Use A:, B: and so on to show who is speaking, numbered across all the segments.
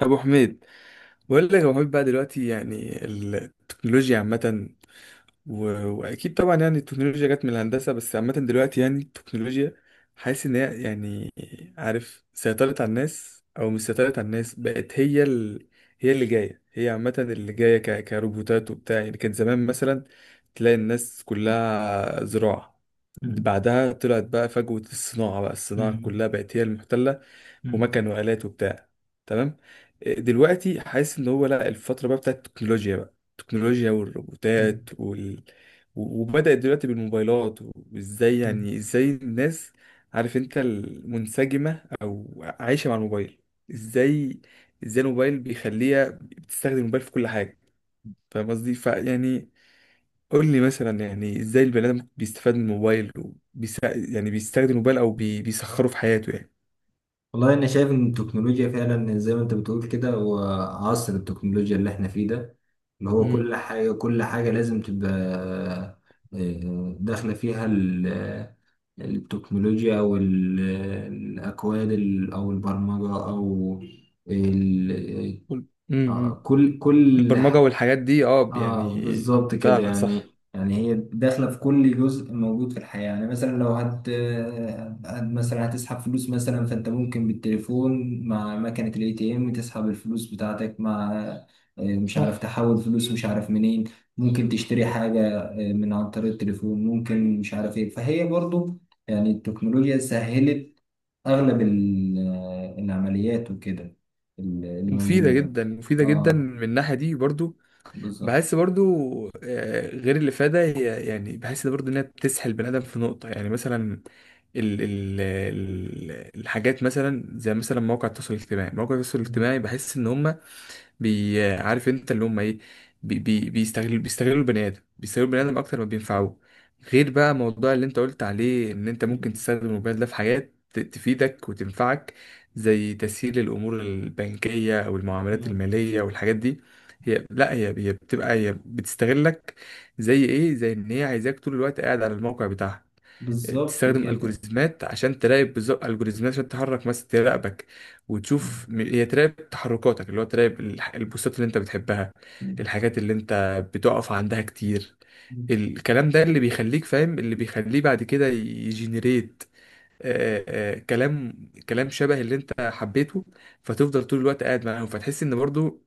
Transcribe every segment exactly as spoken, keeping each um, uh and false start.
A: ابو حميد بقول لك يا ابو حميد، بقى دلوقتي يعني التكنولوجيا عامه و... واكيد طبعا يعني التكنولوجيا جت من الهندسه، بس عامه دلوقتي يعني التكنولوجيا حاسس ان هي يعني، عارف، سيطرت على الناس او مش سيطرت على الناس، بقت هي ال... هي اللي جايه، هي عامه اللي جايه ك... كروبوتات وبتاع. يعني كان زمان مثلا تلاقي الناس
B: مم.
A: كلها زراعه، بعدها طلعت بقى فجوة الصناعة، بقى الصناعة
B: مم.
A: كلها بقت هي المحتلة،
B: مم.
A: ومكن وآلات وبتاع. تمام. آه، دلوقتي حاسس ان هو لا، الفترة بقى بتاعت التكنولوجيا بقى، التكنولوجيا والروبوتات
B: مم.
A: وال... و- وبدأت دلوقتي بالموبايلات، وازاي
B: مم.
A: يعني ازاي الناس، عارف انت، المنسجمة او عايشة مع الموبايل، ازاي، ازاي الموبايل بيخليها بتستخدم الموبايل في كل حاجة. فاهم قصدي؟ فيعني قول لي مثلا، يعني ازاي البني ادم بيستفاد من الموبايل وبيس... يعني بيستخدم الموبايل او بي... بيسخره في حياته يعني.
B: والله انا شايف ان التكنولوجيا فعلا زي ما انت بتقول كده، هو عصر التكنولوجيا اللي احنا فيه ده، اللي هو
A: امم.
B: كل حاجة كل حاجة لازم تبقى آه، داخلة فيها ال- التكنولوجيا، او ال- الاكواد، ال- او البرمجة، او ال- آه،
A: امم.
B: كل كل.
A: البرمجة والحاجات دي، اه
B: اه،
A: يعني.
B: بالظبط كده.
A: فعلا
B: يعني
A: صح.
B: يعني هي داخله في كل جزء موجود في الحياه. يعني مثلا لو هت هت- مثلا هتسحب فلوس، مثلا، فانت ممكن بالتليفون مع مكنه الاي تي ام تسحب الفلوس بتاعتك، مع آه، مش عارف،
A: صح.
B: تحول فلوس مش عارف منين، ممكن تشتري حاجه آه، من عن طريق التليفون، ممكن مش عارف ايه. فهي برضو يعني التكنولوجيا سهلت اغلب ال- آه، العمليات وكده، اللي اللي
A: مفيدة
B: موجوده.
A: جدا، مفيدة جدا
B: اه
A: من الناحية دي برضو.
B: بالظبط.
A: بحس برضو، آه، غير الإفادة، هي يعني بحس برضو إنها بتسحل البني آدم في نقطة. يعني مثلا ال ال ال الحاجات، مثلا زي مثلا مواقع التواصل الاجتماعي، مواقع التواصل الاجتماعي بحس إن هما، بي عارف انت اللي هم ايه، بي بي بيستغلوا بيستغلوا البني ادم، بيستغلوا البني ادم اكتر ما بينفعوه. غير بقى موضوع اللي انت قلت عليه، ان انت ممكن
B: مم.
A: تستخدم الموبايل ده في حاجات ت- تفيدك وتنفعك، زي تسهيل الامور البنكيه او المعاملات
B: مم.
A: الماليه والحاجات دي. هي لا، هي هي بتبقى، هي بتستغلك. زي ايه؟ زي ان هي عايزاك طول الوقت قاعد على الموقع بتاعها،
B: بالظبط
A: بتستخدم
B: كده.
A: الجوريزمات عشان تراقب بالظبط، الجوريزمات عشان تحرك مثلا تراقبك، وتشوف
B: مم.
A: م- هي تراقب تحركاتك، اللي هو تراقب الح- البوستات اللي انت بتحبها،
B: مم.
A: الحاجات اللي انت بتقف عندها كتير. الكلام ده اللي بيخليك فاهم، اللي بيخليه بعد كده يجنريت آه، آه، كلام، كلام شبه اللي انت حبيته، فتفضل طول الوقت قاعد معاهم. فتحس ان برضو،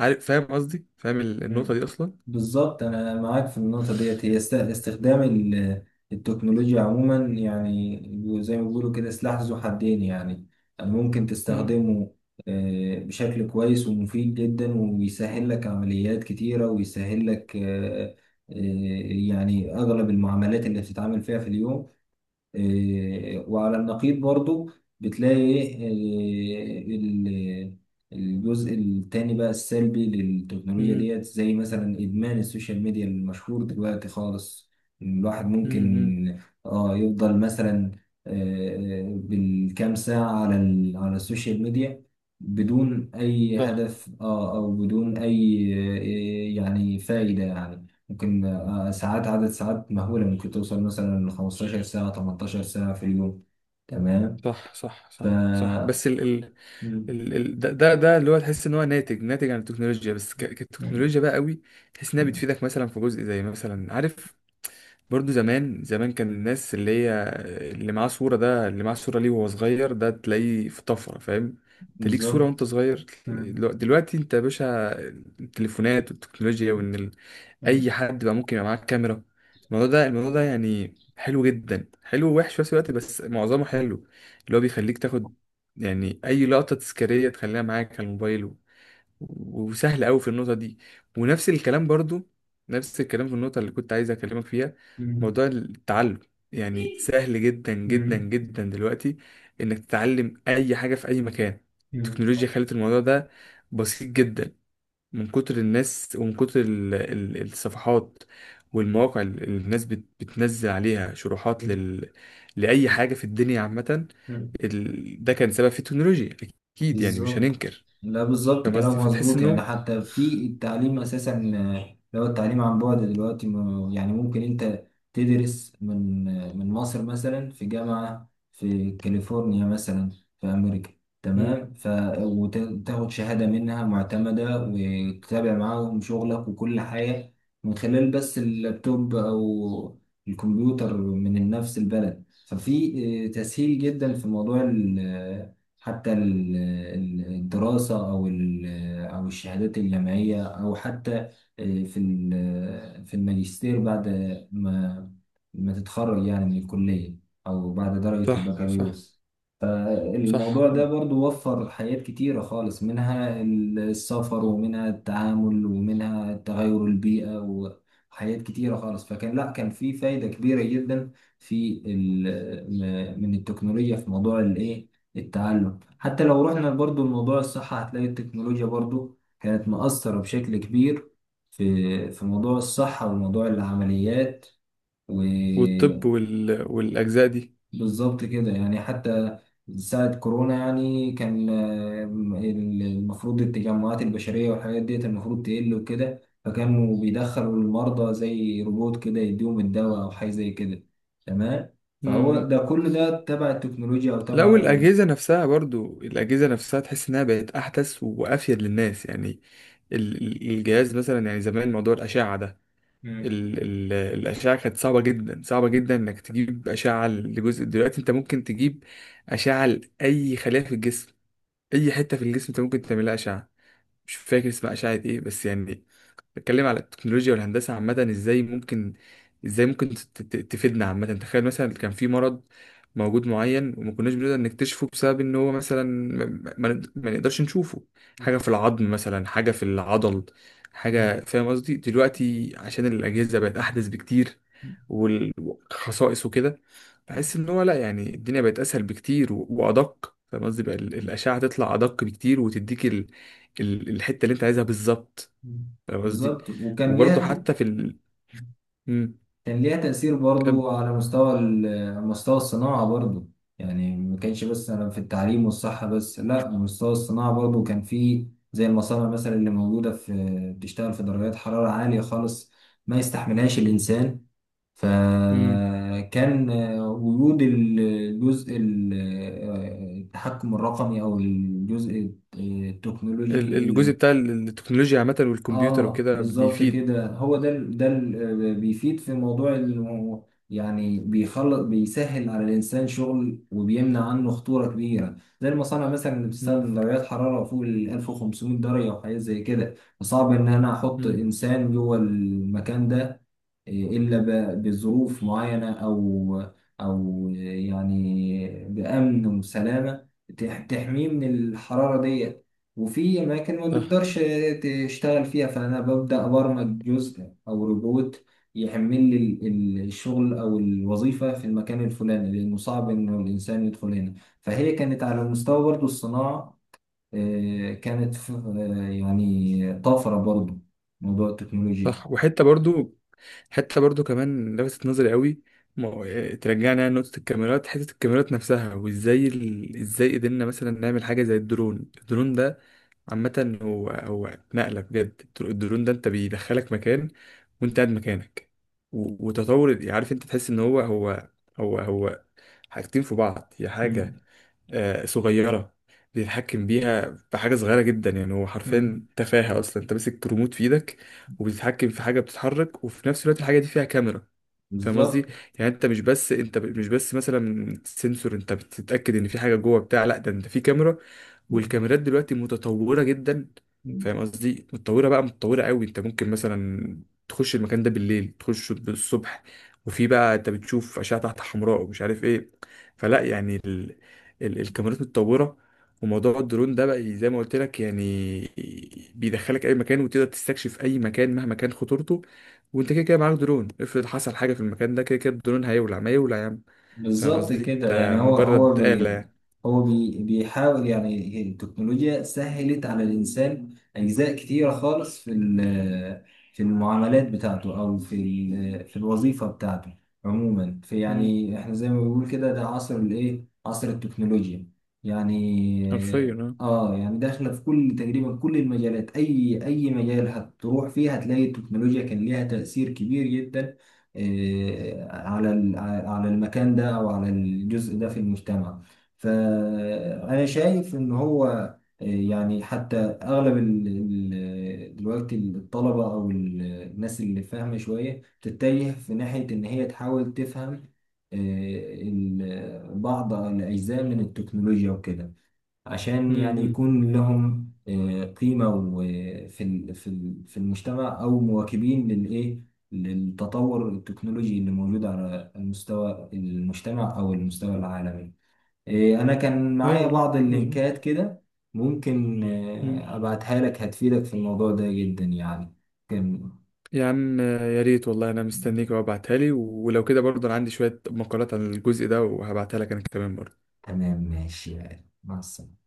A: عارف، فاهم قصدي، فاهم ال- النقطة
B: مم.
A: دي اصلا.
B: بالظبط انا معاك في النقطه ديت. هي است- استخدام ال- التكنولوجيا عموما، يعني زي ما بيقولوا كده سلاح ذو حدين. يعني يعني ممكن
A: مم.
B: تستخدمه آه، بشكل كويس ومفيد جدا، ويسهل لك عمليات كتيره، ويسهل لك آه، آه، يعني اغلب المعاملات اللي بتتعامل فيها في اليوم. إيه، وعلى النقيض برضو بتلاقي إيه، آه، ال- الجزء التاني بقى السلبي للتكنولوجيا
A: مم.
B: ديت، زي مثلا إدمان السوشيال ميديا المشهور دلوقتي خالص. الواحد
A: مم. مم.
B: ممكن، اه، يفضل مثلا آه، آه، بالكام ساعة على ال- على السوشيال ميديا، بدون أي
A: صح،
B: هدف، اه، أو بدون أي آه، يعني فائدة. يعني ممكن ساعات، عدد ساعات مهولة، ممكن توصل مثلا ل خمستاشر ساعة، تمنتاشر ساعة في اليوم. تمام.
A: صح، صح،
B: ف
A: صح، صح،
B: مم.
A: بس ال... ال... ده ده ده اللي هو تحس ان هو ناتج، ناتج عن التكنولوجيا. بس ك...
B: مم.
A: كتكنولوجيا بقى، قوي تحس انها
B: مم.
A: بتفيدك مثلا في جزء، زي مثلا، عارف، برضو زمان، زمان كان الناس اللي هي اللي معاه صورة، ده اللي معاه صورة ليه وهو صغير ده تلاقيه في طفرة. فاهم؟ انت ليك صورة
B: بالظبط.
A: وانت صغير.
B: مم.
A: دلو- دلوقتي انت يا باشا، التليفونات والتكنولوجيا، وان ال... اي
B: مم.
A: حد بقى ممكن يبقى معاه كاميرا. الموضوع ده، الموضوع ده يعني حلو جدا، حلو ووحش في نفس الوقت بس معظمه حلو، اللي هو بيخليك تاخد يعني اي لقطة تذكارية تخليها معاك على الموبايل. وسهل قوي في النقطة دي. ونفس الكلام برضو، نفس الكلام في النقطة اللي كنت عايز أكلمك فيها، موضوع التعلم. يعني سهل جدا جدا
B: مم.
A: جدا دلوقتي إنك تتعلم أي حاجة في أي مكان.
B: مم.
A: التكنولوجيا خلت الموضوع ده بسيط جدا، من كتر الناس ومن كتر ال- ال- الصفحات والمواقع اللي الناس بت- بتنزل عليها شروحات لل... لأي حاجة في الدنيا عامة.
B: مم.
A: ال... ده كان سبب في التكنولوجيا أكيد، يعني مش
B: بالظبط.
A: هننكر.
B: لا، بالظبط
A: فاهم
B: كلامك
A: قصدي؟ فتحس
B: مظبوط. يعني
A: إنه.
B: حتى في التعليم اساسا، آه، لو التعليم عن بعد دلوقتي، م- يعني ممكن انت تدرس من آه، من مصر مثلا في جامعة في كاليفورنيا مثلا في امريكا.
A: مم.
B: تمام. ف وتاخد شهادة منها معتمدة، وتتابع معاهم شغلك وكل حاجة من خلال بس اللابتوب او الكمبيوتر من نفس البلد. ففي آه، تسهيل جدا في موضوع حتى ال- ال- الدراسة، أو ال- أو الشهادات الجامعية، أو حتى آه، في ال- في الماجستير بعد ما ما تتخرج يعني من الكلية أو بعد درجة
A: صح، صح،
B: البكالوريوس.
A: صح،
B: الموضوع ده برضو وفر حاجات كتيرة خالص، منها السفر ومنها التعامل ومنها تغير البيئة، وحاجات كتيرة خالص. فكان، لا، كان في فايدة كبيرة جدا في ال- من التكنولوجيا في موضوع الايه، التعلم. حتى لو رحنا برضو لموضوع الصحة، هتلاقي التكنولوجيا برضو كانت مؤثرة بشكل كبير في في موضوع الصحة وموضوع العمليات.
A: والطب وال... والأجزاء دي.
B: بالظبط كده. يعني حتى ساعة كورونا، يعني، كان آه، ال- المفروض التجمعات البشرية والحاجات ديت المفروض تقل وكده، فكانوا بيدخلوا المرضى زي روبوت كده يديهم الدواء أو حاجة زي كده. تمام. فهو
A: مم.
B: ده كل ده تبع التكنولوجيا أو
A: لا،
B: تبع ال...
A: والأجهزة نفسها برضو، الأجهزة نفسها تحس إنها بقت أحدث وأفيد للناس يعني. ال- ال- الجهاز مثلا، يعني زمان موضوع الأشعة ده،
B: مم.
A: ال... ال... الأشعة كانت صعبة جدا، صعبة جدا إنك تجيب أشعة لجزء. دلوقتي أنت ممكن تجيب أشعة لأي خلية في الجسم، أي حتة في الجسم أنت ممكن تعملها أشعة. مش فاكر اسمها أشعة إيه، بس يعني بتكلم على التكنولوجيا والهندسة عامة، ازاي ممكن، ازاي ممكن ت- ت- تفيدنا عامة. تخيل مثلا كان في مرض موجود معين وما كناش بنقدر نكتشفه بسبب ان هو مثلا ما، ما ما نقدرش نشوفه، حاجة في العظم مثلا، حاجة في العضل،
B: مم.
A: حاجة. فاهم قصدي؟ دلوقتي عشان الأجهزة بقت أحدث بكتير والخصائص وكده،
B: مم.
A: بحس ان هو لا، يعني الدنيا بقت أسهل بكتير و- وأدق. فاهم قصدي؟ بقى ال- الأشعة تطلع أدق بكتير وتديك ال... ال- الحتة اللي انت عايزها بالظبط.
B: مم.
A: فاهم قصدي؟
B: بالظبط. وكان
A: وبرضه
B: ليها
A: حتى في ال... مم.
B: كان ليها تأثير
A: كم.
B: برضو على مستوى ال- مستوى الصناعة برضو. يعني ما كانش بس أنا في التعليم والصحة بس، لا، مستوى الصناعة برضو كان فيه، زي المصانع مثلا اللي موجودة في، بتشتغل في درجات حرارة عالية خالص ما يستحملهاش الإنسان.
A: مم.
B: فكان وجود الجزء ال- آه، التحكم الرقمي، أو الجزء آه،
A: ال-
B: التكنولوجي.
A: الجزء بتاع ال- التكنولوجيا عامة والكمبيوتر
B: اه
A: وكده
B: بالظبط
A: بيفيد.
B: كده. هو ده ال- ده ال- بيفيد في موضوع ال- يعني بيخلص بيسهل على الانسان شغل، وبيمنع عنه خطوره كبيره، زي المصانع مثلا اللي
A: مم.
B: بتستخدم درجات حراره فوق ال ألف وخمسمائة درجه وحاجات زي كده. فصعب ان انا احط
A: مم.
B: انسان جوه المكان ده، إيه، الا ب- بظروف معينه، او او يعني بامن وسلامه تح- تحميه من الحراره دي، وفي أماكن ما
A: صح،
B: بتقدرش تشتغل فيها. فأنا ببدأ أبرمج جزء أو روبوت يحمل لي ال- ال- الشغل أو الوظيفة في المكان الفلاني، لأنه صعب إنه الإنسان يدخل هنا. فهي كانت على مستوى برضه الصناعة، آه، كانت ف- آه، يعني طفرة برضه موضوع التكنولوجيا.
A: صح. وحتة برضو، حتة برضو كمان لفتت نظري قوي، ما هو- إيه، ترجعنا يعني لنقطة الكاميرات، حتة الكاميرات نفسها، وازاي ال... ازاي قدرنا مثلا نعمل حاجة زي الدرون. الدرون ده عامة، هو، هو نقلة بجد. الدرون ده انت بيدخلك مكان وانت قاعد مكانك. و- وتطور، عارف انت تحس ان هو، هو هو هو حاجتين في بعض، هي حاجة
B: مم.
A: آه، صغيرة بيتحكم بيها بحاجة صغيرة جدا. يعني هو
B: مم.
A: حرفيا تفاهة أصلا، أنت ماسك ريموت في إيدك وبتتحكم في حاجة بتتحرك، وفي نفس الوقت الحاجة دي فيها كاميرا. فاهم قصدي؟
B: بالظبط.
A: يعني انت مش بس انت ب- مش بس مثلا سنسور انت بتتاكد ان في حاجه جوه بتاع، لا ده انت في كاميرا. والكاميرات دلوقتي متطوره جدا. فاهم قصدي؟ متطوره بقى، متطوره قوي. انت ممكن مثلا تخش المكان ده بالليل، تخش بالصبح، وفي بقى انت بتشوف اشعه تحت حمراء ومش عارف ايه. فلا يعني ال... ال... الكاميرات متطوره. وموضوع الدرون ده بقى، زي ما قلت لك يعني بيدخلك اي مكان، وتقدر تستكشف اي مكان مهما كان خطورته. وانت كده كده معاك درون، افرض حصل حاجة في المكان ده، كده كده الدرون هيولع ما يولع، يا عم. فاهم
B: بالظبط
A: قصدي؟
B: كده.
A: ده
B: يعني هو هو
A: مجرد آلة
B: بي
A: يعني.
B: هو بي بيحاول، يعني التكنولوجيا سهلت على الإنسان أجزاء كتيرة خالص في ال- في المعاملات بتاعته، أو في ال- في الوظيفة بتاعته. عموما في،
A: امم.
B: يعني، إحنا زي ما بنقول كده، ده عصر الإيه، عصر التكنولوجيا. يعني
A: حرفيا
B: آه
A: اه.
B: آه، يعني داخلة في كل، تقريبا كل المجالات، أي أي مجال هتروح فيه هتلاقي التكنولوجيا كان ليها تأثير كبير جدا آه، على ال- على المكان ده او على الجزء ده في المجتمع. فانا شايف ان هو، آه، يعني حتى اغلب ال- ال- دلوقتي الطلبه او ال- الناس اللي فاهمه شويه تتجه في ناحيه ان هي تحاول تفهم آه، ال- بعض الاجزاء من التكنولوجيا وكده، عشان يعني
A: امم.
B: يكون لهم آه، قيمة و- في ال- في ال- في المجتمع، أو مواكبين للإيه، للتطور التكنولوجي اللي موجود على المستوى المجتمع أو المستوى العالمي. آه، أنا كان معايا
A: ايوه، لا
B: بعض اللينكات
A: مظبوط.
B: كده، ممكن
A: امم.
B: آه، أبعتها لك، هتفيدك في الموضوع ده جدا يعني. كان
A: يا عم، آه، يا ريت والله، انا مستنيك وابعتها لي، ولو كده برضه انا عندي شوية مقالات عن الجزء ده وهبعتها لك انا كمان برضه.
B: تمام. ماشي، يعني، مع السلامة.